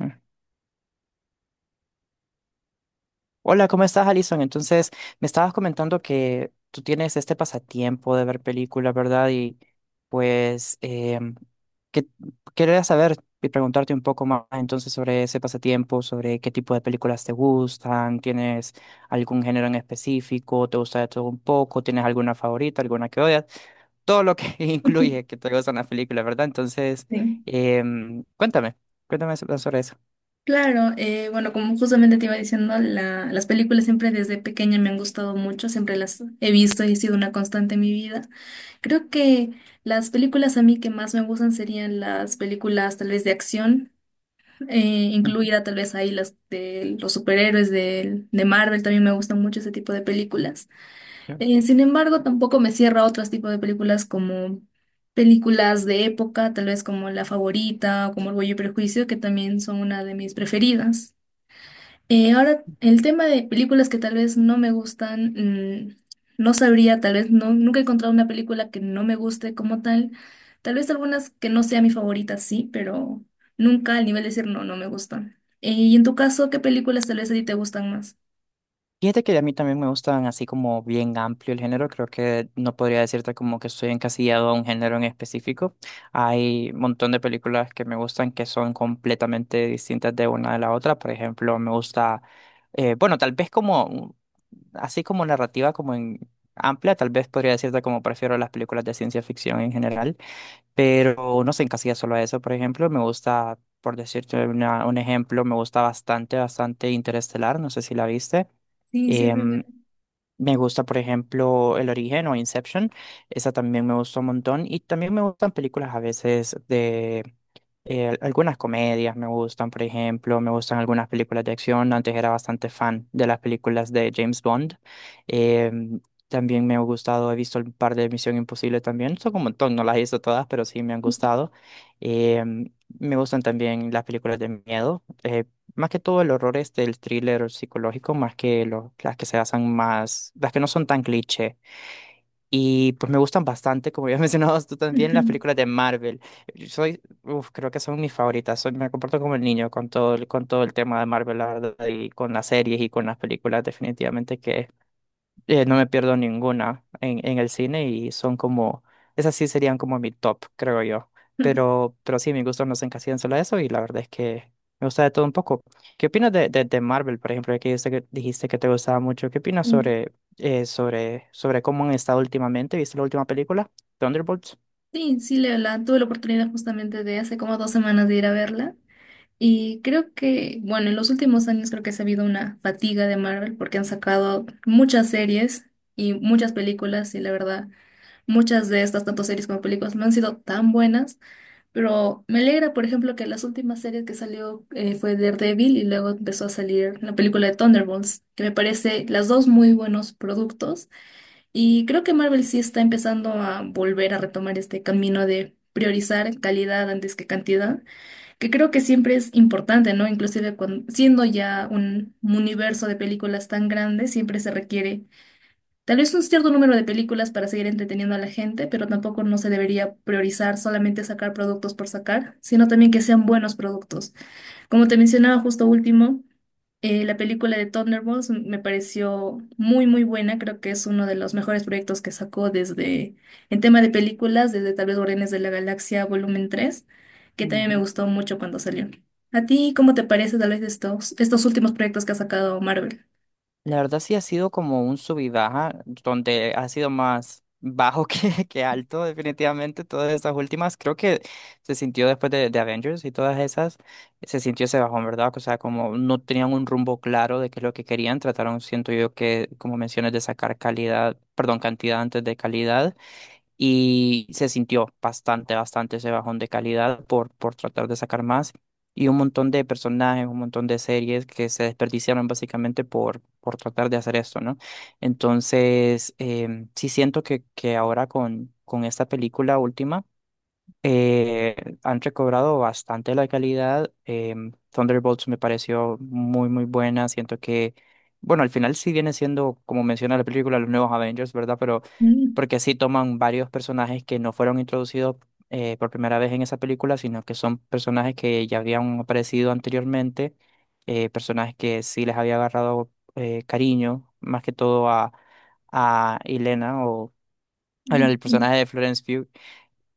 Mm. Hola, ¿cómo estás, Alison? Entonces, me estabas comentando que tú tienes este pasatiempo de ver películas, ¿verdad? Y pues, que quería saber y preguntarte un poco más entonces sobre ese pasatiempo, sobre qué tipo de películas te gustan. ¿Tienes algún género en específico? ¿Te gusta de todo un poco? ¿Tienes alguna favorita, alguna que odias? Todo lo que incluye que te gustan las películas, ¿verdad? Entonces, Sí, cuéntame, cuéntame sobre eso. claro, bueno, como justamente te iba diciendo, las películas siempre desde pequeña me han gustado mucho, siempre las he visto y ha sido una constante en mi vida. Creo que las películas a mí que más me gustan serían las películas tal vez de acción, eh, Ujú. incluida tal vez ahí las de los superhéroes de Marvel, también me gustan mucho ese tipo de películas. Sin embargo, tampoco me cierra a otros tipos de películas como películas de época, tal vez como La Favorita o como Orgullo y Prejuicio, que también son una de mis preferidas. Ahora, el tema de películas que tal vez no me gustan, no sabría, tal vez no, nunca he encontrado una película que no me guste como tal. Tal vez algunas que no sea mi favorita, sí, pero nunca al nivel de decir no, no me gustan. Y en tu caso, ¿qué películas tal vez a ti te gustan más? Fíjate que a mí también me gustan así como bien amplio el género. Creo que no podría decirte como que estoy encasillado a un género en específico. Hay un montón de películas que me gustan que son completamente distintas de una de la otra. Por ejemplo, me gusta, bueno, tal vez como, así como narrativa, como en amplia, tal vez podría decirte como prefiero las películas de ciencia ficción en general, pero no se encasilla solo a eso. Por ejemplo, me gusta, por decirte un ejemplo, me gusta bastante, bastante Interestelar, no sé si la viste. Sí, sí, muy Em, me gusta, por ejemplo, El Origen o Inception. Esa también me gustó un montón. Y también me gustan películas a veces de algunas comedias, me gustan, por ejemplo. Me gustan algunas películas de acción. Antes era bastante fan de las películas de James Bond. Em, también me ha gustado, he visto un par de Misión Imposible también. Son un montón, no las he visto todas, pero sí me han gustado. Em, me gustan también las películas de miedo. Más que todo el horror es del thriller psicológico, más que las que se basan más, las que no son tan cliché. Y pues me gustan bastante, como ya mencionabas tú también, las bien. películas de Marvel. Yo soy, uf, creo que son mis favoritas. Soy, me comporto como el niño con todo, con todo el tema de Marvel, la verdad, y con las series y con las películas, definitivamente que no me pierdo ninguna en el cine y son como, esas sí serían como mi top, creo yo. Pero sí, mis gustos no se encasillan solo a eso y la verdad es que me gusta de todo un poco. ¿Qué opinas de Marvel, por ejemplo, ya que dijiste que, dijiste que te gustaba mucho? ¿Qué opinas sobre, sobre, sobre cómo han estado últimamente? ¿Viste la última película, Thunderbolts? Sí, sí, tuve la oportunidad justamente de hace como 2 semanas de ir a verla y creo que, bueno, en los últimos años creo que se ha habido una fatiga de Marvel porque han sacado muchas series y muchas películas y la verdad, muchas de estas, tanto series como películas, no han sido tan buenas, pero me alegra, por ejemplo, que las últimas series que salió fue Daredevil y luego empezó a salir la película de Thunderbolts, que me parece las dos muy buenos productos. Y creo que Marvel sí está empezando a volver a retomar este camino de priorizar calidad antes que cantidad, que creo que siempre es importante, ¿no? Inclusive cuando, siendo ya un universo de películas tan grande, siempre se requiere tal vez un cierto número de películas para seguir entreteniendo a la gente, pero tampoco no se debería priorizar solamente sacar productos por sacar, sino también que sean buenos productos. Como te mencionaba justo último, la película de Thunderbolts me pareció muy, muy buena. Creo que es uno de los mejores proyectos que sacó desde, en tema de películas, desde tal vez Guardianes de la Galaxia Volumen 3, que también me gustó mucho cuando salió. ¿A ti cómo te parece tal vez estos, estos últimos proyectos que ha sacado Marvel? La verdad sí ha sido como un sub y baja, donde ha sido más bajo que, que alto, definitivamente. Todas esas últimas, creo que se sintió después de Avengers y todas esas, se sintió ese bajón, ¿verdad? O sea, como no tenían un rumbo claro de qué es lo que querían, trataron, siento yo, que, como mencionas, de sacar calidad, perdón, cantidad antes de calidad, y se sintió bastante, bastante ese bajón de calidad por tratar de sacar más y un montón de personajes, un montón de series que se desperdiciaron básicamente por tratar de hacer esto, ¿no? Entonces, sí siento que ahora con esta película última eh, han recobrado bastante la calidad. Thunderbolts me pareció muy, muy buena. Siento que, bueno, al final sí viene siendo, como menciona la película, los nuevos Avengers, ¿verdad? Pero Mm, porque sí toman varios personajes que no fueron introducidos por primera vez en esa película, sino que son personajes que ya habían aparecido anteriormente, personajes que sí les había agarrado cariño, más que todo a Elena o bueno, mm, el mm, personaje de Florence Pugh.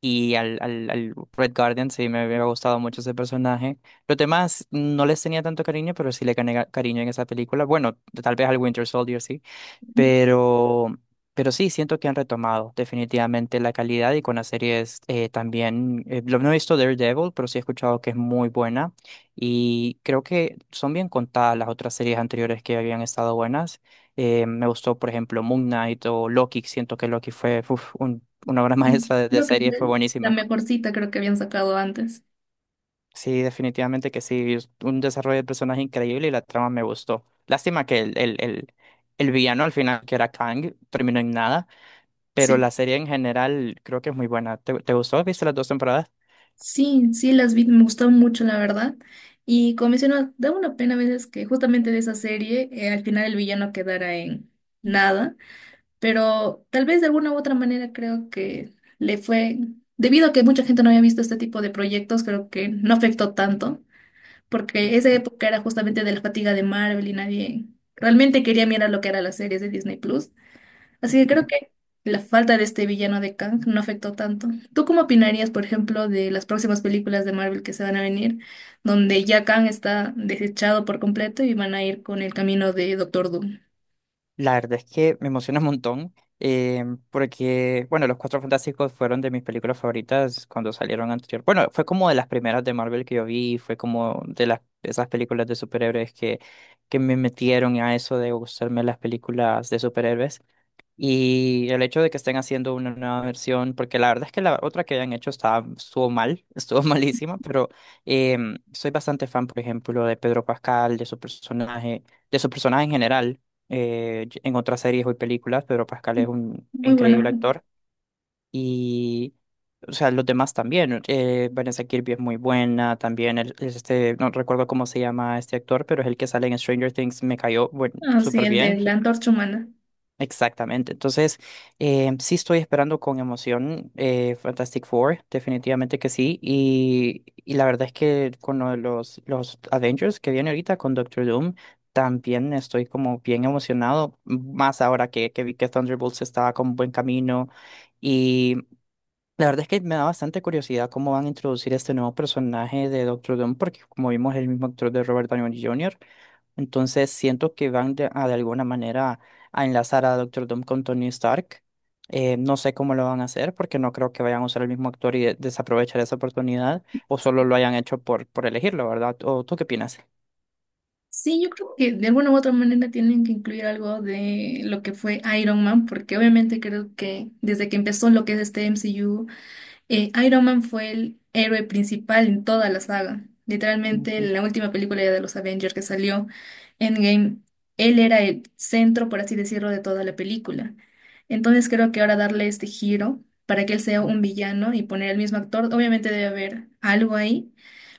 Y al, al, al Red Guardian sí me había gustado mucho ese personaje. Los demás no les tenía tanto cariño, pero sí le gané cariño en esa película. Bueno, tal vez al Winter Soldier sí. Pero, pero sí, siento que han retomado definitivamente la calidad y con las series también. Lo no he visto Daredevil, pero sí he escuchado que es muy buena y creo que son bien contadas las otras series anteriores que habían estado buenas. Me gustó, por ejemplo, Moon Knight o Loki. Siento que Loki fue uf, un una obra mm. maestra de Creo que serie, fue fue la buenísima. mejorcita, creo que habían sacado antes. Sí, definitivamente que sí, es un desarrollo de personaje increíble y la trama me gustó. Lástima que el villano al final, que era Kang, terminó en nada, pero Sí, la serie en general creo que es muy buena. ¿Te, te gustó? ¿Viste las dos temporadas? sí, sí, las vi, me gustaron mucho, la verdad. Y como mencionas, da una pena a veces que justamente de esa serie al final el villano quedara en nada, pero tal vez de alguna u otra manera creo que le fue, debido a que mucha gente no había visto este tipo de proyectos, creo que no afectó tanto, porque esa época era justamente de la fatiga de Marvel y nadie realmente quería mirar lo que era las series de Disney Plus. Así que creo que la falta de este villano de Kang no afectó tanto. ¿Tú cómo opinarías, por ejemplo, de las próximas películas de Marvel que se van a venir, donde ya Kang está desechado por completo y van a ir con el camino de Doctor Doom? La verdad es que me emociona un montón, eh, porque, bueno, Los Cuatro Fantásticos fueron de mis películas favoritas cuando salieron anterior. Bueno, fue como de las primeras de Marvel que yo vi, fue como de las, esas películas de superhéroes que me metieron a eso de gustarme las películas de superhéroes. Y el hecho de que estén haciendo una nueva versión, porque la verdad es que la otra que habían hecho estaba, estuvo mal, estuvo malísima, pero soy bastante fan, por ejemplo, de Pedro Pascal, de su personaje en general. En otras series o películas, Pedro Pascal es un Muy bueno. increíble actor. Y, o sea, los demás también. Vanessa Kirby es muy buena, también es este, no recuerdo cómo se llama este actor, pero es el que sale en Stranger Things, me cayó, bueno, Ah, sí, súper el de bien. la antorcha humana. Exactamente. Entonces, sí estoy esperando con emoción Fantastic Four, definitivamente que sí. Y la verdad es que con lo de los Avengers que viene ahorita con Doctor Doom, también estoy como bien emocionado, más ahora que vi que Thunderbolts estaba con buen camino. Y la verdad es que me da bastante curiosidad cómo van a introducir este nuevo personaje de Doctor Doom, porque como vimos es el mismo actor de Robert Downey Jr. Entonces siento que van de, a, de alguna manera a enlazar a Doctor Doom con Tony Stark. No sé cómo lo van a hacer porque no creo que vayan a usar el mismo actor y desaprovechar esa oportunidad o solo lo hayan hecho por elegirlo, ¿verdad? ¿O tú qué opinas? Sí, yo creo que de alguna u otra manera tienen que incluir algo de lo que fue Iron Man, porque obviamente creo que desde que empezó lo que es este MCU, Iron Man fue el héroe principal en toda la saga. Literalmente, en Ujú, la última película ya de los Avengers que salió, Endgame, él era el centro, por así decirlo, de toda la película. Entonces creo que ahora darle este giro para que él sea ujú. un villano y poner al mismo actor, obviamente debe haber algo ahí.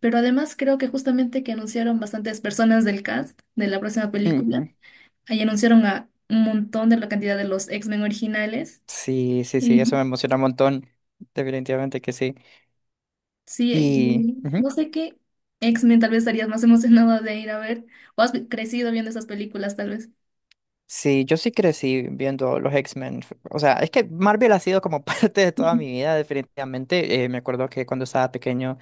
Pero además creo que justamente que anunciaron bastantes personas del cast de la próxima película. Ujú. Ahí anunciaron a un montón de la cantidad de los X-Men originales. Sí, sí, sí, eso me emociona un montón. Definitivamente que sí. Sí, Y y ujú. no sé qué X-Men tal vez estarías más emocionada de ir a ver, o has crecido viendo esas películas tal vez. Sí, yo sí crecí viendo los X-Men. O sea, es que Marvel ha sido como parte de toda Ujú. mi vida, definitivamente. Me acuerdo que cuando estaba pequeño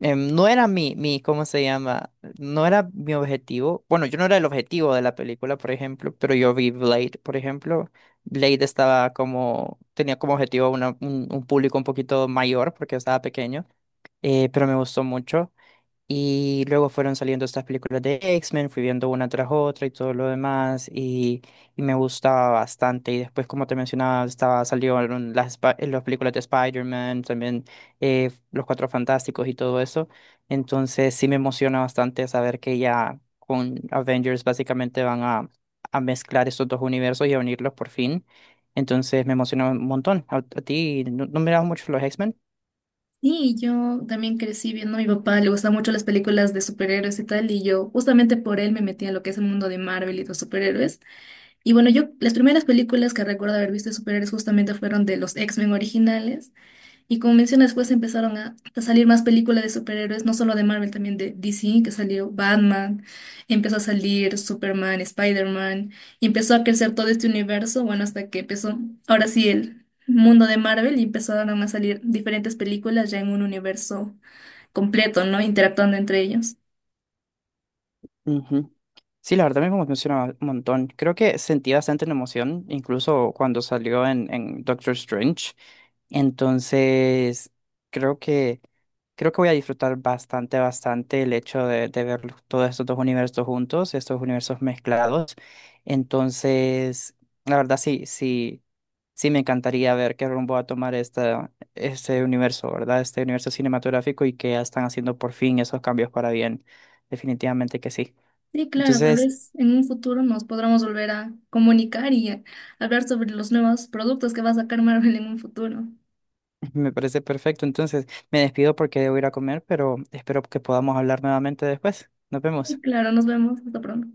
no era mi, mi, ¿cómo se llama? No era mi objetivo. Bueno, yo no era el objetivo de la película, por ejemplo, pero yo vi Blade, por ejemplo. Blade estaba como, tenía como objetivo un público un poquito mayor porque estaba pequeño, pero me gustó mucho. Y luego fueron saliendo estas películas de X-Men, fui viendo una tras otra y todo lo demás, y me gustaba bastante. Y después, como te mencionaba, estaba, salieron las, las películas de Spider-Man, también Los Cuatro Fantásticos y todo eso. Entonces sí me emociona bastante saber que ya con Avengers básicamente van a mezclar estos dos universos y a unirlos por fin. Entonces me emociona un montón. A ti no, no mirabas mucho los X-Men? Sí, yo también crecí viendo a mi papá, le gustan mucho las películas de superhéroes y tal, y yo justamente por él me metí a lo que es el mundo de Marvel y los superhéroes. Y bueno, yo las primeras películas que recuerdo haber visto de superhéroes justamente fueron de los X-Men originales. Y como mencionas, después empezaron a salir más películas de superhéroes, no solo de Marvel, también de DC, que salió Batman, empezó a salir Superman, Spider-Man, y empezó a crecer todo este universo, bueno, hasta que empezó, ahora sí, el mundo de Marvel, y empezaron a salir diferentes películas ya en un universo completo, ¿no? Interactuando entre ellos. Sí, la verdad me emociona un montón. Creo que sentí bastante la emoción, incluso cuando salió en Doctor Strange. Entonces, creo que, creo que voy a disfrutar bastante, bastante el hecho de ver todos estos dos universos juntos, estos universos mezclados. Entonces, la verdad sí, sí, sí me encantaría ver qué rumbo va a tomar esta, este universo, ¿verdad? Este universo cinematográfico y que ya están haciendo por fin esos cambios para bien. Definitivamente que sí. Sí, claro, tal Entonces, vez en un futuro nos podremos volver a comunicar y a hablar sobre los nuevos productos que va a sacar Marvel en un futuro. me parece perfecto. Entonces, me despido porque debo ir a comer, pero espero que podamos hablar nuevamente después. Nos Sí, vemos. claro, nos vemos, hasta pronto.